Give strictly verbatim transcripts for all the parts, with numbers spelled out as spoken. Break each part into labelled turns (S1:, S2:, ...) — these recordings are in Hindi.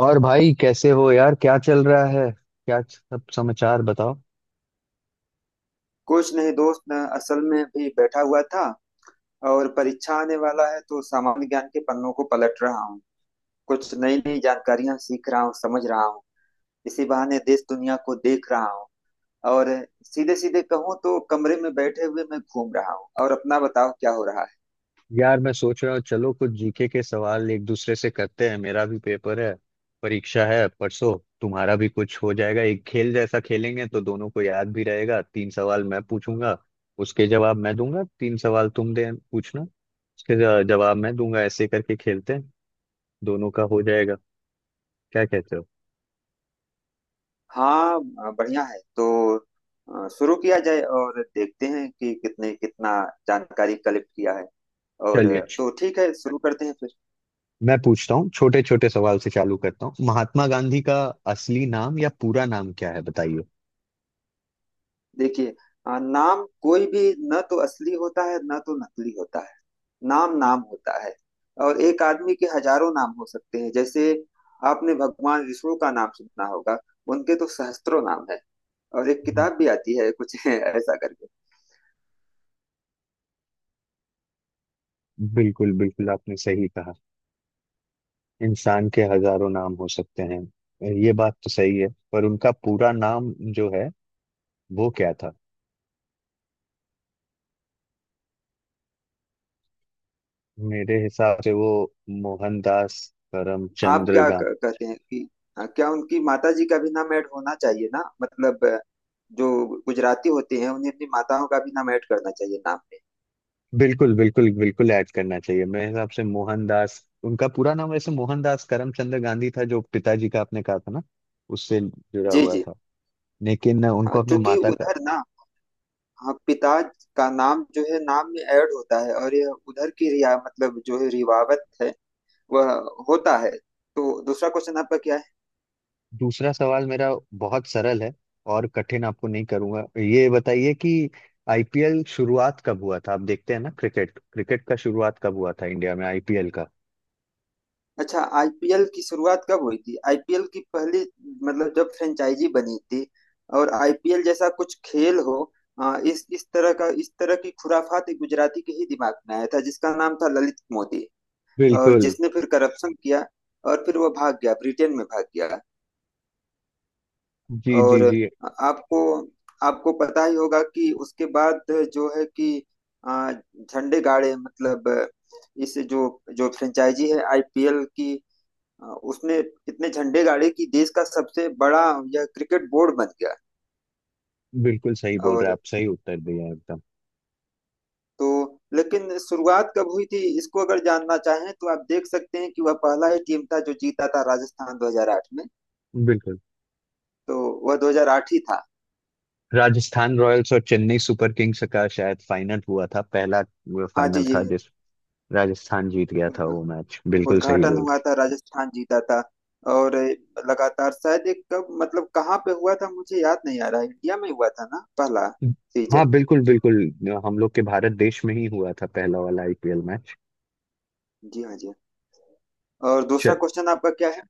S1: और भाई कैसे हो यार, क्या चल रहा है? क्या सब समाचार बताओ?
S2: कुछ नहीं दोस्त न, असल में भी बैठा हुआ था। और परीक्षा आने वाला है तो सामान्य ज्ञान के पन्नों को पलट रहा हूँ। कुछ नई नई जानकारियां सीख रहा हूँ, समझ रहा हूँ। इसी बहाने देश दुनिया को देख रहा हूँ। और सीधे सीधे कहूँ तो कमरे में बैठे हुए मैं घूम रहा हूँ। और अपना बताओ क्या हो रहा है।
S1: यार, मैं सोच रहा हूँ चलो कुछ जीके के सवाल एक दूसरे से करते हैं। मेरा भी पेपर है, परीक्षा है परसों। तुम्हारा भी कुछ हो जाएगा, एक खेल जैसा खेलेंगे तो दोनों को याद भी रहेगा। तीन सवाल मैं पूछूंगा, उसके जवाब मैं दूंगा। तीन सवाल तुम दे पूछना, उसके ज- जवाब मैं दूंगा। ऐसे करके खेलते हैं, दोनों का हो जाएगा। क्या कहते हो?
S2: हाँ, बढ़िया है। तो अ, शुरू किया जाए और देखते हैं कि कितने कितना जानकारी कलेक्ट किया है। और अ,
S1: चलिए,
S2: तो ठीक है, शुरू करते हैं फिर।
S1: मैं पूछता हूँ। छोटे छोटे सवाल से चालू करता हूँ। महात्मा गांधी का असली नाम या पूरा नाम क्या है, बताइए।
S2: देखिए, अ, नाम कोई भी न तो असली होता है न तो नकली होता है। नाम नाम होता है। और एक आदमी के हजारों नाम हो सकते हैं। जैसे आपने भगवान विष्णु का नाम सुना होगा। उनके तो सहस्त्रों नाम है। और एक
S1: जी,
S2: किताब भी आती है कुछ ऐसा करके।
S1: बिल्कुल बिल्कुल, आपने सही कहा। इंसान के हजारों नाम हो सकते हैं, ये बात तो सही है। पर उनका पूरा नाम जो है वो क्या था? मेरे हिसाब से वो मोहनदास
S2: आप
S1: करमचंद
S2: क्या
S1: गांधी।
S2: क- कहते हैं कि अ, क्या उनकी माता जी का भी नाम ऐड होना चाहिए ना। मतलब अ, जो गुजराती होते हैं उन्हें अपनी माताओं का भी नाम ऐड करना चाहिए नाम में।
S1: बिल्कुल बिल्कुल बिल्कुल ऐड करना चाहिए। मेरे हिसाब से मोहनदास, उनका पूरा नाम वैसे मोहनदास करमचंद गांधी था, जो पिताजी का आपने कहा था ना, उससे जुड़ा
S2: जी
S1: हुआ
S2: जी।
S1: था। लेकिन उनको
S2: हाँ,
S1: अपने
S2: चूंकि
S1: माता का।
S2: उधर ना, हाँ पिता का नाम जो है नाम में ऐड होता है। और यह उधर की रिया मतलब जो है रिवावत है, वह होता है। तो दूसरा क्वेश्चन आपका क्या है।
S1: दूसरा सवाल मेरा बहुत सरल है और कठिन आपको नहीं करूंगा। ये बताइए कि आईपीएल शुरुआत कब हुआ था? आप देखते हैं ना क्रिकेट, क्रिकेट का शुरुआत कब हुआ था इंडिया में, आईपीएल का?
S2: अच्छा, आईपीएल की शुरुआत कब हुई थी। आईपीएल की पहली, मतलब जब फ्रेंचाइजी बनी थी और आईपीएल जैसा कुछ खेल हो, आ, इस इस तरह का, इस तरह की खुराफात एक गुजराती के ही दिमाग में आया था, जिसका नाम था ललित मोदी। और
S1: बिल्कुल।
S2: जिसने फिर करप्शन किया और फिर वो भाग गया, ब्रिटेन में भाग गया।
S1: जी जी
S2: और
S1: जी,
S2: आपको आपको पता ही होगा कि उसके बाद जो है कि आ, झंडे गाड़े। मतलब इस जो जो फ्रेंचाइजी है आईपीएल की, आ, उसने इतने झंडे गाड़े कि देश का सबसे बड़ा यह क्रिकेट बोर्ड बन गया।
S1: बिल्कुल सही बोल रहे हैं
S2: और
S1: आप, सही उत्तर दिया है एकदम।
S2: तो लेकिन शुरुआत कब हुई थी, इसको अगर जानना चाहें तो आप देख सकते हैं कि वह पहला ही टीम था जो जीता था, राजस्थान दो हज़ार आठ में।
S1: बिल्कुल,
S2: तो वह दो हज़ार आठ ही था।
S1: राजस्थान रॉयल्स और चेन्नई सुपर किंग्स का शायद फाइनल हुआ था पहला।
S2: हाँ
S1: फाइनल था
S2: जी
S1: जिस राजस्थान जीत गया था
S2: जी,
S1: वो मैच, बिल्कुल सही
S2: उद्घाटन
S1: बोल।
S2: हुआ था, राजस्थान जीता था। और ए, लगातार शायद एक कब मतलब कहाँ पे हुआ था मुझे याद नहीं आ रहा है। इंडिया में हुआ था ना पहला
S1: हाँ,
S2: सीजन।
S1: बिल्कुल बिल्कुल। हम लोग के भारत देश में ही हुआ था पहला वाला आईपीएल मैच।
S2: जी हाँ जी हाँ। और दूसरा
S1: चल,
S2: क्वेश्चन आपका क्या है।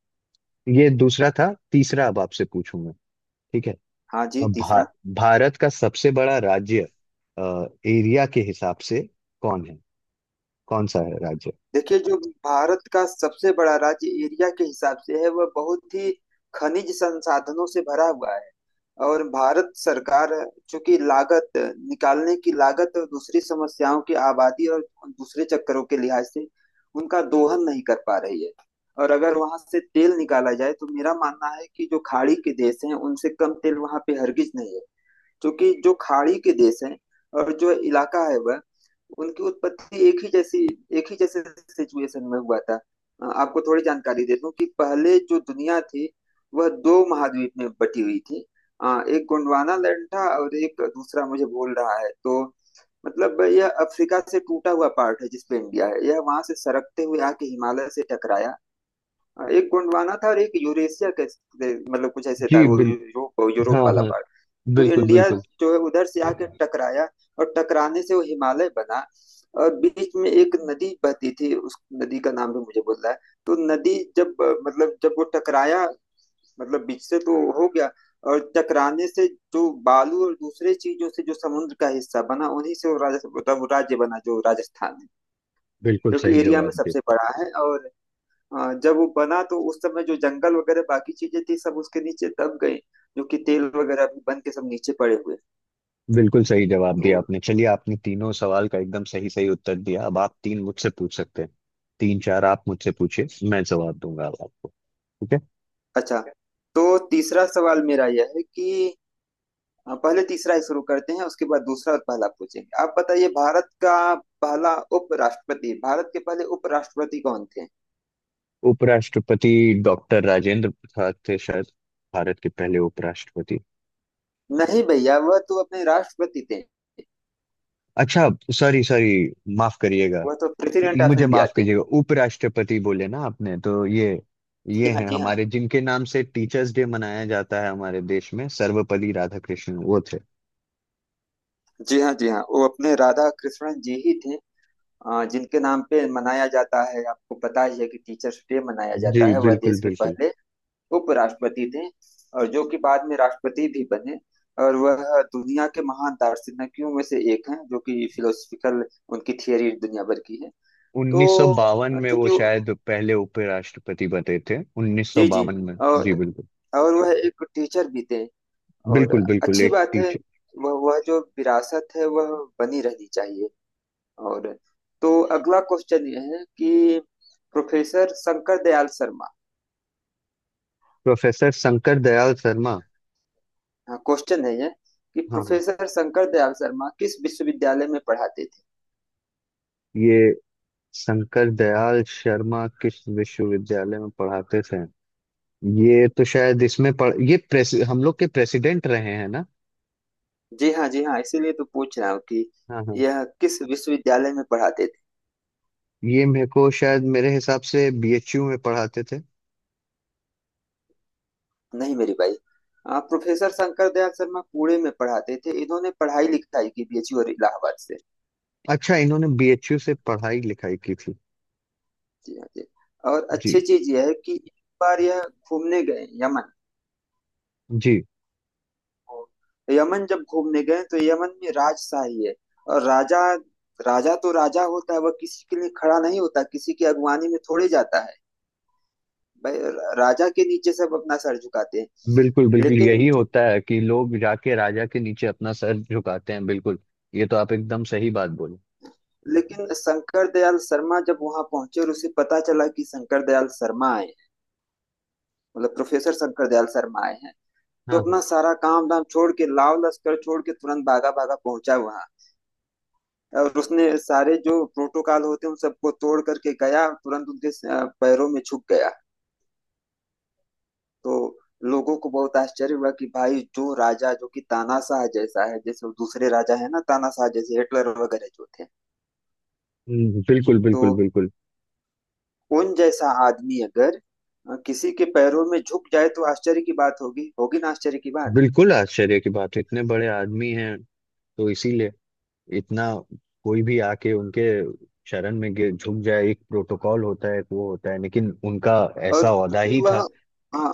S1: ये दूसरा था, तीसरा अब आपसे पूछूंगा, ठीक है?
S2: हाँ जी,
S1: अब भा,
S2: तीसरा।
S1: भारत का सबसे बड़ा राज्य एरिया के हिसाब से कौन है? कौन सा है राज्य?
S2: देखिए, जो भारत का सबसे बड़ा राज्य एरिया के हिसाब से है, वह बहुत ही खनिज संसाधनों से भरा हुआ है। और भारत सरकार, चूंकि लागत, निकालने की लागत और दूसरी समस्याओं की, आबादी और दूसरे चक्करों के लिहाज से, उनका दोहन नहीं कर पा रही है। और अगर वहां से तेल निकाला जाए तो मेरा मानना है कि जो खाड़ी के देश हैं, उनसे कम तेल वहां पे हरगिज नहीं है। क्योंकि जो खाड़ी के देश हैं और जो इलाका है, वह, उनकी उत्पत्ति एक ही जैसी, एक ही जैसे सिचुएशन में हुआ था। अ, आपको थोड़ी जानकारी दे दूं कि पहले जो दुनिया थी वह दो महाद्वीप में बटी हुई थी। अ, एक गोंडवाना लैंड था और एक दूसरा मुझे बोल रहा है तो, मतलब यह अफ्रीका से टूटा हुआ पार्ट है जिसपे इंडिया है, यह वहां से सरकते हुए आके हिमालय से टकराया। अ, एक गोंडवाना था और एक यूरेशिया का, मतलब कुछ ऐसे
S1: जी
S2: था वो,
S1: बिल्कुल।
S2: यूरोप यूरोप
S1: हाँ
S2: वाला
S1: हाँ,
S2: पार्ट। तो
S1: बिल्कुल
S2: इंडिया
S1: बिल्कुल
S2: जो है उधर से आके टकराया और टकराने से वो हिमालय बना। और बीच में एक नदी बहती थी, उस नदी का नाम भी मुझे बोल रहा है। तो नदी जब अ, मतलब जब वो टकराया, मतलब बीच से तो हो गया, और टकराने से जो बालू और दूसरे चीजों से जो समुद्र का हिस्सा बना, उन्हीं से वो राजस्थान, मतलब वो राज्य बना जो राजस्थान है,
S1: बिल्कुल।
S2: जो कि
S1: सही
S2: एरिया में
S1: जवाब दिया,
S2: सबसे बड़ा है। और अ, जब वो बना तो उस समय जो जंगल वगैरह बाकी चीजें थी सब उसके नीचे दब गई, जो कि तेल वगैरह भी बन के सब नीचे पड़े हुए।
S1: बिल्कुल सही जवाब
S2: तो
S1: दिया आपने। चलिए, आपने तीनों सवाल का एकदम सही सही उत्तर दिया। अब आप तीन मुझसे पूछ सकते हैं। तीन चार आप मुझसे पूछिए, मैं जवाब दूंगा अब आपको। ठीक है।
S2: अच्छा, तो तीसरा सवाल मेरा यह है कि अ, पहले तीसरा ही शुरू करते हैं, उसके बाद दूसरा और पहला पूछेंगे। आप बताइए, भारत का पहला उपराष्ट्रपति, भारत के पहले उपराष्ट्रपति कौन थे।
S1: उपराष्ट्रपति डॉक्टर राजेंद्र प्रसाद थे शायद, भारत के पहले उपराष्ट्रपति।
S2: नहीं भैया, वह तो अपने राष्ट्रपति थे।
S1: अच्छा, सॉरी सॉरी, माफ करिएगा।
S2: वह तो प्रेसिडेंट ऑफ
S1: मुझे
S2: इंडिया
S1: माफ
S2: थे।
S1: कीजिएगा, उपराष्ट्रपति बोले ना आपने तो। ये
S2: जी
S1: ये
S2: हाँ
S1: हैं
S2: जी हाँ।
S1: हमारे जिनके नाम से टीचर्स डे मनाया जाता है हमारे देश में, सर्वपल्ली राधाकृष्णन वो थे।
S2: जी हाँ जी हाँ, वो अपने राधा कृष्णन जी ही थे। अ, जिनके नाम पे मनाया जाता है, आपको पता ही है कि टीचर्स डे मनाया
S1: जी
S2: जाता है, वह
S1: बिल्कुल
S2: देश के
S1: बिल्कुल।
S2: पहले उपराष्ट्रपति थे। और जो कि बाद में राष्ट्रपति भी बने। और वह दुनिया के महान दार्शनिकों में से एक हैं, जो कि फिलोसफिकल, उनकी थियरी दुनिया भर की है। तो
S1: उन्नीस सौ बावन में वो
S2: चूंकि वो-
S1: शायद पहले उपराष्ट्रपति बने थे,
S2: जी जी।
S1: उन्नीस सौ बावन में। जी
S2: और
S1: बिल्कुल
S2: और वह एक टीचर भी थे। और
S1: बिल्कुल बिल्कुल,
S2: अच्छी
S1: एक
S2: बात है,
S1: टीचर।
S2: वह वह जो विरासत है वह बनी रहनी चाहिए। और तो अगला क्वेश्चन यह है कि, प्रोफेसर शंकर दयाल शर्मा,
S1: प्रोफेसर शंकर दयाल शर्मा।
S2: हाँ क्वेश्चन है यह कि
S1: हाँ हाँ,
S2: प्रोफेसर शंकर दयाल शर्मा किस विश्वविद्यालय में पढ़ाते।
S1: ये शंकर दयाल शर्मा किस विश्वविद्यालय में पढ़ाते थे? ये तो शायद इसमें पढ़, ये प्रेस, हम लोग के प्रेसिडेंट रहे हैं ना?
S2: जी हाँ जी हाँ, इसीलिए तो पूछ रहा हूँ कि
S1: हाँ हाँ,
S2: यह किस विश्वविद्यालय में पढ़ाते थे।
S1: ये मेरे को शायद, मेरे हिसाब से बीएचयू में पढ़ाते थे।
S2: नहीं मेरी भाई, आ, प्रोफेसर शंकर दयाल शर्मा पुणे में पढ़ाते थे। इन्होंने पढ़ाई लिखाई की बीएचयू और इलाहाबाद से।
S1: अच्छा, इन्होंने बीएचयू से पढ़ाई लिखाई की थी।
S2: जी हाँ जी। और अच्छी
S1: जी
S2: चीज यह है कि एक बार यह घूमने गए यमन।
S1: जी।
S2: यमन जब घूमने गए तो यमन में राजशाही है। और राजा, राजा तो राजा होता है, वह किसी के लिए खड़ा नहीं होता, किसी की अगुवानी में थोड़े जाता है भाई। राजा के नीचे सब अपना सर झुकाते
S1: बिल्कुल
S2: हैं।
S1: बिल्कुल,
S2: लेकिन,
S1: यही होता है कि लोग जाके राजा के नीचे अपना सर झुकाते हैं, बिल्कुल। ये तो आप एकदम सही बात बोले।
S2: लेकिन शंकर दयाल शर्मा जब वहां पहुंचे और उसे पता चला कि शंकर दयाल शर्मा आए हैं, मतलब प्रोफेसर शंकर दयाल शर्मा आए हैं,
S1: हाँ
S2: तो
S1: हाँ।
S2: अपना सारा काम धाम छोड़ के, लाव लश्कर छोड़ के, तुरंत भागा भागा पहुंचा वहां। और उसने सारे जो प्रोटोकॉल होते हैं उन सबको तोड़ करके गया, और तुरंत उनके अ, पैरों में छुप गया। तो लोगों को बहुत आश्चर्य हुआ कि भाई, जो राजा, जो कि तानाशाह जैसा है, जैसे वो दूसरे राजा है ना तानाशाह, जैसे हिटलर वगैरह जो थे,
S1: हम्म, बिल्कुल
S2: तो
S1: बिल्कुल बिल्कुल।
S2: उन जैसा आदमी अगर अ, किसी के पैरों में झुक जाए तो आश्चर्य की बात होगी, होगी ना आश्चर्य की बात।
S1: बिल्कुल आश्चर्य की बात है, इतने बड़े आदमी हैं। तो इसीलिए इतना, कोई भी आके उनके शरण में गिर- झुक जाए। एक प्रोटोकॉल होता है, एक वो होता है, लेकिन उनका
S2: और
S1: ऐसा औदा
S2: चूंकि
S1: ही
S2: वह,
S1: था।
S2: हाँ,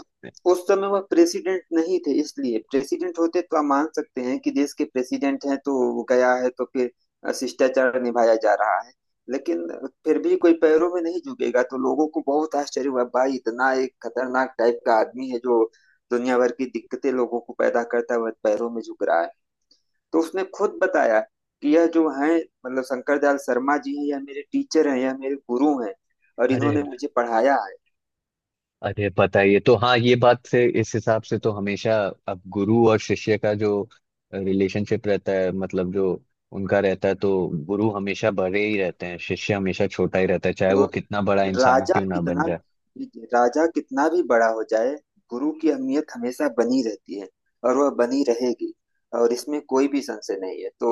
S2: उस समय वह प्रेसिडेंट नहीं थे। इसलिए प्रेसिडेंट होते तो आप मान सकते हैं कि देश के प्रेसिडेंट हैं तो वो गया है तो फिर अ, शिष्टाचार निभाया जा रहा है। लेकिन फिर भी कोई पैरों में नहीं झुकेगा, तो लोगों को बहुत आश्चर्य हुआ भाई, इतना एक खतरनाक टाइप का आदमी है जो दुनिया भर की दिक्कतें लोगों को पैदा करता है, वह पैरों में झुक रहा है। तो उसने खुद बताया कि यह जो हैं, मतलब शंकर दयाल शर्मा जी हैं, यह मेरे टीचर हैं, यह मेरे गुरु हैं, और
S1: अरे,
S2: इन्होंने मुझे पढ़ाया है।
S1: अरे पता ही है। तो हाँ, ये बात से इस हिसाब से तो हमेशा। अब गुरु और शिष्य का जो रिलेशनशिप रहता है, मतलब जो उनका रहता है, तो गुरु हमेशा बड़े ही रहते हैं, शिष्य हमेशा छोटा ही रहता है, चाहे
S2: तो
S1: वो कितना बड़ा इंसान
S2: राजा
S1: क्यों ना बन
S2: कितना,
S1: जाए।
S2: राजा कितना भी बड़ा हो जाए, गुरु की अहमियत हमेशा बनी रहती है, और वह बनी रहेगी, और इसमें कोई भी संशय नहीं है। तो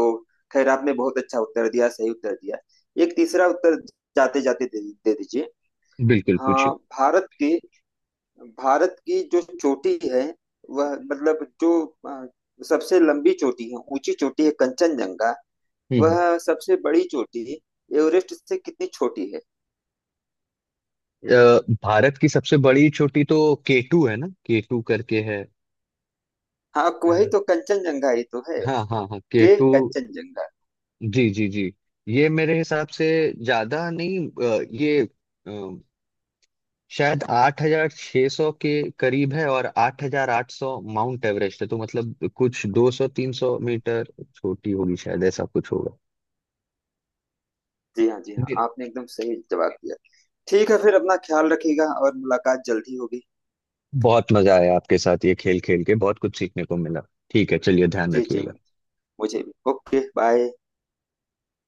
S2: खैर, आपने बहुत अच्छा उत्तर दिया, सही उत्तर दिया। एक तीसरा उत्तर जाते जाते दे, दे दीजिए।
S1: बिल्कुल, पूछिए।
S2: हाँ, भारत के, भारत की जो चोटी है वह, मतलब जो अ, सबसे लंबी चोटी है, ऊंची चोटी है, कंचनजंगा,
S1: हम्म
S2: वह सबसे बड़ी चोटी एवरेस्ट से कितनी छोटी है।
S1: अ, भारत की सबसे बड़ी चोटी तो केटू है ना, केटू करके है।
S2: हाँ वही
S1: अ,
S2: तो कंचनजंगा ही तो है।
S1: हाँ हाँ हाँ, के
S2: के
S1: टू।
S2: कंचनजंगा।
S1: जी जी जी। ये मेरे हिसाब से ज्यादा नहीं, अ, ये अ, शायद आठ हजार छह सौ के करीब है, और आठ हजार आठ सौ माउंट एवरेस्ट है। तो मतलब कुछ दो सौ तीन सौ मीटर छोटी होगी शायद, ऐसा कुछ होगा।
S2: जी हाँ जी हाँ,
S1: मेरे-
S2: आपने एकदम सही जवाब दिया। ठीक है फिर, अपना ख्याल रखिएगा और मुलाकात जल्दी होगी।
S1: बहुत मजा आया आपके साथ ये खेल खेल के, बहुत कुछ सीखने को मिला। ठीक है, चलिए, ध्यान
S2: जी जी,
S1: रखिएगा।
S2: मुझे भी। Okay bye.